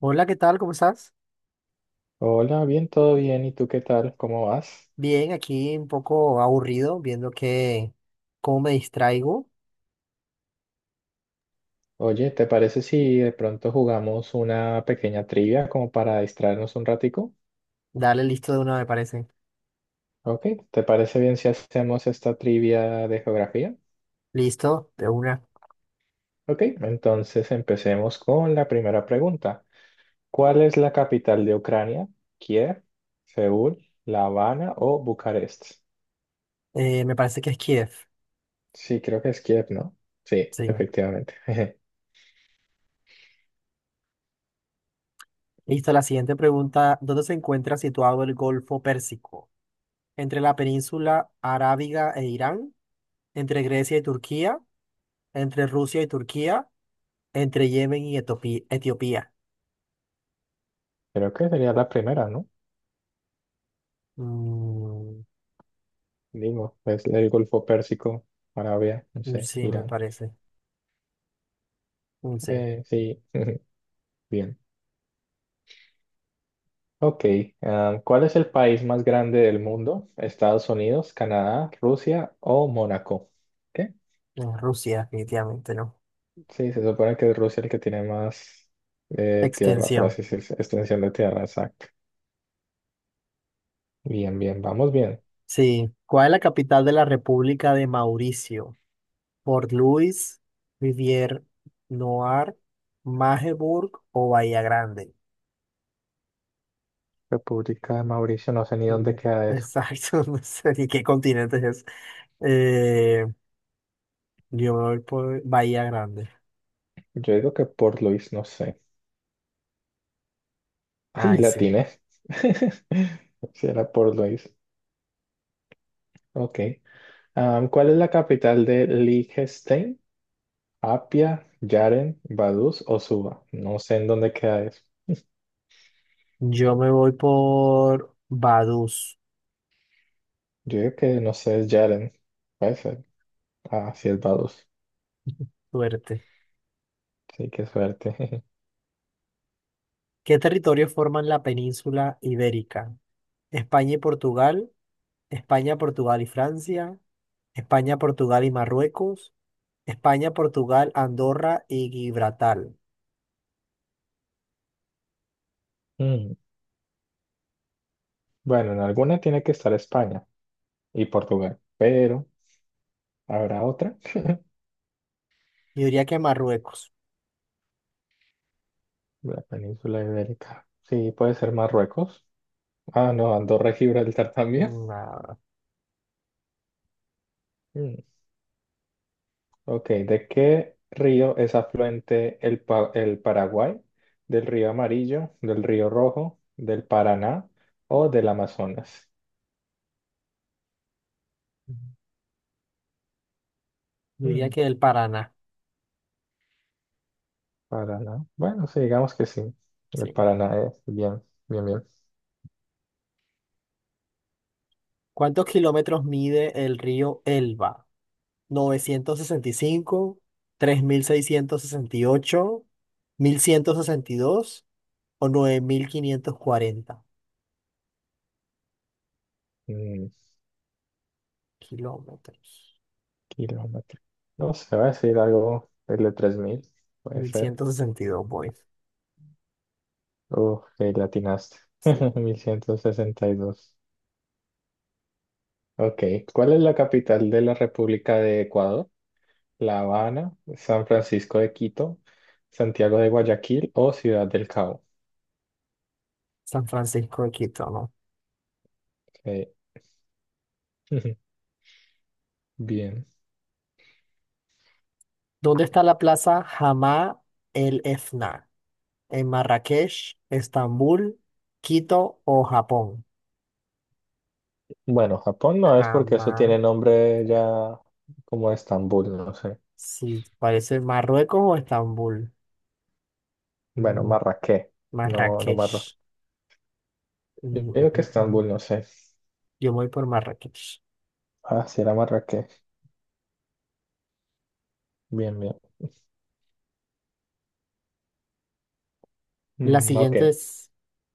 Hola, ¿qué tal? ¿Cómo estás? Hola, bien, todo bien. ¿Y tú qué tal? ¿Cómo vas? Bien, aquí un poco aburrido, viendo que cómo me distraigo. Oye, ¿te parece si de pronto jugamos una pequeña trivia como para distraernos un ratico? Dale, listo de una, me parece. Ok, ¿te parece bien si hacemos esta trivia de geografía? Listo, de una. Ok, entonces empecemos con la primera pregunta. ¿Cuál es la capital de Ucrania? ¿Kiev, Seúl, La Habana o Bucarest? Me parece que es Kiev. Sí, creo que es Kiev, ¿no? Sí, Sí. efectivamente. Listo, la siguiente pregunta. ¿Dónde se encuentra situado el Golfo Pérsico? ¿Entre la península arábiga e Irán? ¿Entre Grecia y Turquía? ¿Entre Rusia y Turquía? ¿Entre Yemen y Etiopía? Creo que sería la primera, ¿no? Mm, Digo, es el Golfo Pérsico, Arabia, no sé, sí, me Irán. parece. Mm, sí, Sí, bien. Ok, ah, ¿cuál es el país más grande del mundo? ¿Estados Unidos, Canadá, Rusia o Mónaco? ¿Qué? en Rusia, definitivamente, ¿no? Sí, se supone que es Rusia el que tiene más tierra, por Extensión. así decirse, extensión de tierra, exacto. Bien, bien, vamos bien. Sí, ¿cuál es la capital de la República de Mauricio? ¿Port Louis, Rivière Noire, Magdeburg o Bahía Grande? República de Mauricio, no sé ni dónde Mm, queda eso. exacto, no sé ni qué continente es. Eh, yo me voy por Bahía Grande. Yo digo que Port Louis, no sé. Ay, Ay, la sí. tiene. Sí, era Port Louis. Ok. ¿Cuál es la capital de Liechtenstein? Apia, Yaren, Vaduz o Suba. No sé en dónde queda eso. Yo me voy por Vaduz. Yo digo que no sé, es Yaren. Puede ser. Ah, sí, es Vaduz. Suerte. Sí, qué suerte. ¿Qué territorios forman la península ibérica? España y Portugal, España, Portugal y Francia, España, Portugal y Marruecos. España, Portugal, Andorra y Gibraltar. Mm. Bueno, en alguna tiene que estar España y Portugal, pero ¿habrá otra? Yo diría que Marruecos. La península ibérica. Sí, puede ser Marruecos. Ah, no, Andorra y Gibraltar también. Una- Mm, Ok, ¿de qué río es afluente el Paraguay? ¿Del río Amarillo, del río Rojo, del Paraná o del Amazonas? Yo diría Mm, que el Paraná. Paraná. Bueno, sí, digamos que sí. El Sí. Paraná es bien, bien, bien. ¿Cuántos kilómetros mide el río Elba? Novecientos sesenta y cinco, tres mil seiscientos sesenta y ocho, 1.162 o 9.540 Mm, kilómetros. kilómetro. No sé, va a decir algo el de 3.000, puede ser. 1162, voy. Uf, que latinaste. Sí. 1.162. Ok, ¿cuál es la capital de la República de Ecuador? La Habana, San Francisco de Quito, Santiago de Guayaquil o Ciudad del Cabo. San Francisco de Quito, ¿no? Eh, Bien. ¿Dónde está la plaza Hamá el Efna? En Marrakech, Estambul, Quito o Japón. Bueno, Japón no es porque eso tiene Jamás. nombre ya como Estambul, no sé. Sí, parece Marruecos o Estambul. Bueno, Mm, Marrakech, no, no Marro. Marrakech. Yo Mm, mm, digo que mm, mm. Estambul, no sé. Yo me voy por Marrakech. Ah, sí era Marrakech. Bien, bien. La Ok, siguiente es,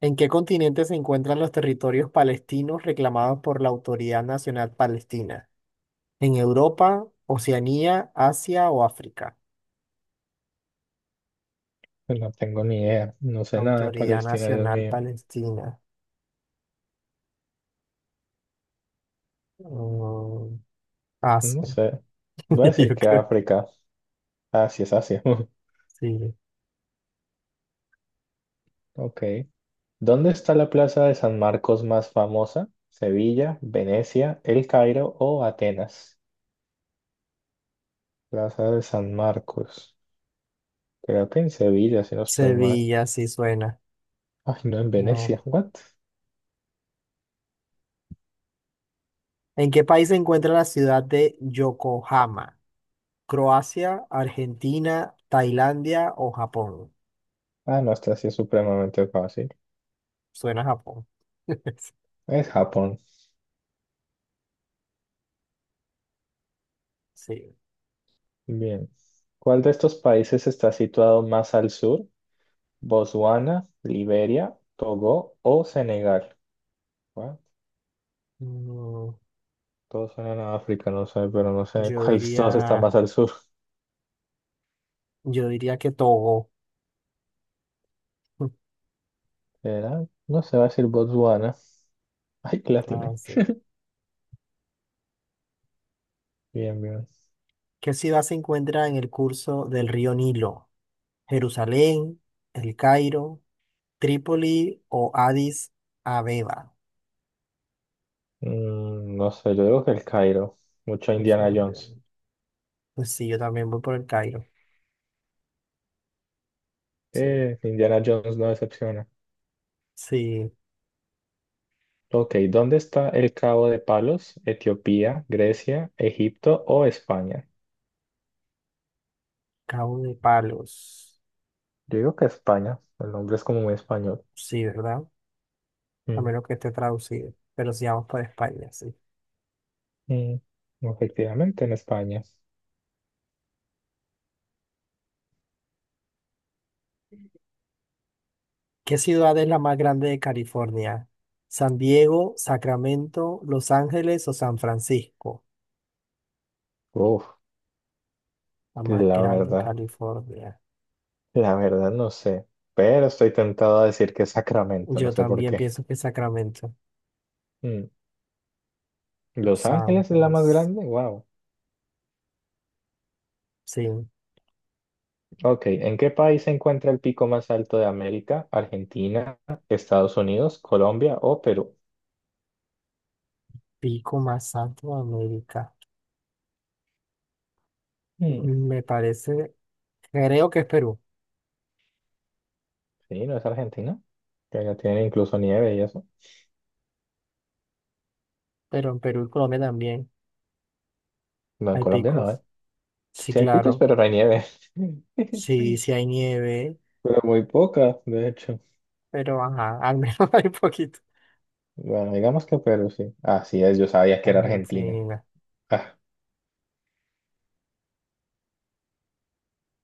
¿en qué continente se encuentran los territorios palestinos reclamados por la Autoridad Nacional Palestina? ¿En Europa, Oceanía, Asia o África? no tengo ni idea. No sé nada de Autoridad Palestina, Dios Nacional mío. Palestina. Mm, No Asia. sé. Voy a decir Yo que creo. África. Ah, sí es Asia. Sí, Ok. ¿Dónde está la plaza de San Marcos más famosa? ¿Sevilla, Venecia, El Cairo o Atenas? Plaza de San Marcos. Creo que en Sevilla, si no estoy mal. Sevilla, sí suena. Ay, no, en No. Venecia. ¿What? ¿En qué país se encuentra la ciudad de Yokohama? ¿Croacia, Argentina, Tailandia o Japón? Ah, no, esta sí es supremamente fácil. Suena a Japón. Es Japón. Sí. Bien. ¿Cuál de estos países está situado más al sur? ¿Botswana, Liberia, Togo o Senegal? What? Mm, Todos suenan a África, no sé. Pero no sé yo cuál de todos está diría, más al sur. yo diría que Togo. ¿Será? No se va a decir Botswana. Ay, que la Ah, tiene. sí. Bien, bien. ¿Qué ciudad se encuentra en el curso del río Nilo? ¿Jerusalén, El Cairo, Trípoli o Addis Abeba? No sé, yo digo que el Cairo. Mucho Pues, me Indiana olvidé. Jones. Pues sí, yo también voy por El Cairo. Sí. Indiana Jones no decepciona. Sí, Ok, ¿dónde está el Cabo de Palos? ¿Etiopía, Grecia, Egipto o España? Cabo de Palos. Yo digo que España. El nombre es como muy español. Sí, ¿verdad? A Mm, menos que esté traducido. Pero si vamos para España, sí. mm. Efectivamente, en España. ¿Qué ciudad es la más grande de California? ¿San Diego, Sacramento, Los Ángeles o San Francisco? Uf, La más la grande de verdad, California. la verdad no sé. Pero estoy tentado a decir que es Sacramento, no Yo sé por también qué. pienso que Sacramento. Mm. Los Los Ángeles es la más Ángeles. grande, wow. Sí, Ok, ¿en qué país se encuentra el pico más alto de América? ¿Argentina, Estados Unidos, Colombia o Perú? pico más alto de América. Mm, Me parece, creo que es Perú, sí, no es Argentina, que ya tienen incluso nieve y eso. pero en Perú y Colombia también No, en hay Colombia no, ¿eh? picos. Sí, Sí hay picos, claro. pero no hay nieve. Sí, sí hay nieve. Pero muy poca, de hecho. Pero ajá, al menos hay poquito. Bueno, digamos que Perú, sí. Así es, yo sabía que era Argentina. Argentina. Ah,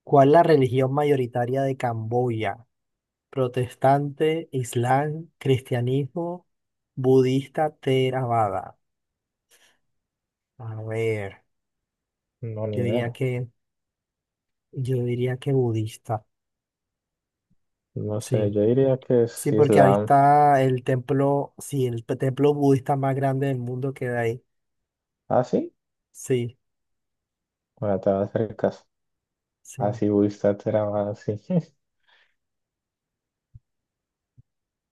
¿Cuál es la religión mayoritaria de Camboya? Protestante, Islam, cristianismo, budista, Theravada. A ver, no, ni yo diría idea. que, yo diría que budista. No sé, Sí, yo diría que es sí, porque ahí Islam. está el templo, sí, el templo budista más grande del mundo queda ahí. ¿Ah, sí? Sí, Bueno, te vas a hacer caso. sí. Así, Wistat era más así.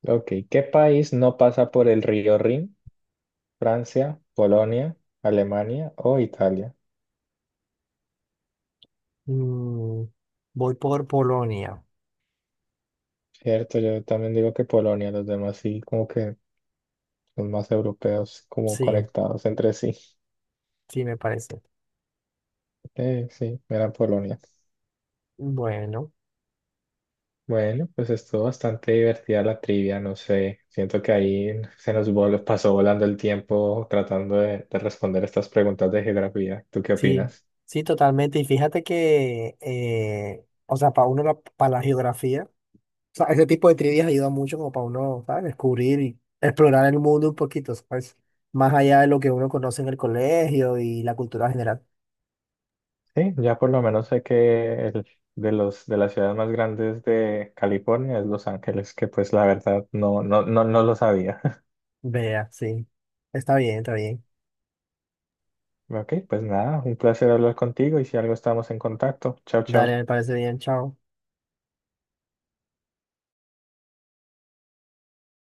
Ok, ¿qué país no pasa por el río Rin? ¿Francia, Polonia, Alemania o Italia? Mm, voy por Polonia. Cierto, yo también digo que Polonia, los demás sí, como que son más europeos, como Sí, conectados entre sí. sí, me parece. Sí, era Polonia. Bueno. Bueno, pues estuvo bastante divertida la trivia, no sé, siento que ahí se nos pasó volando el tiempo tratando de responder estas preguntas de geografía. ¿Tú qué Sí, opinas? sí, totalmente. Y fíjate que, o sea, para uno, la, para la geografía, o sea, ese tipo de trivias ayuda mucho como para uno, ¿sabes? Descubrir y explorar el mundo un poquito, ¿sabes? Más allá de lo que uno conoce en el colegio y la cultura general. Sí, ya por lo menos sé que de las ciudades más grandes de California es Los Ángeles, que pues la verdad no, no, no, no lo sabía. Vea, sí. Está bien, está bien. Ok, pues nada, un placer hablar contigo y si algo estamos en contacto. Chao, chao. Dale, me parece bien, chao.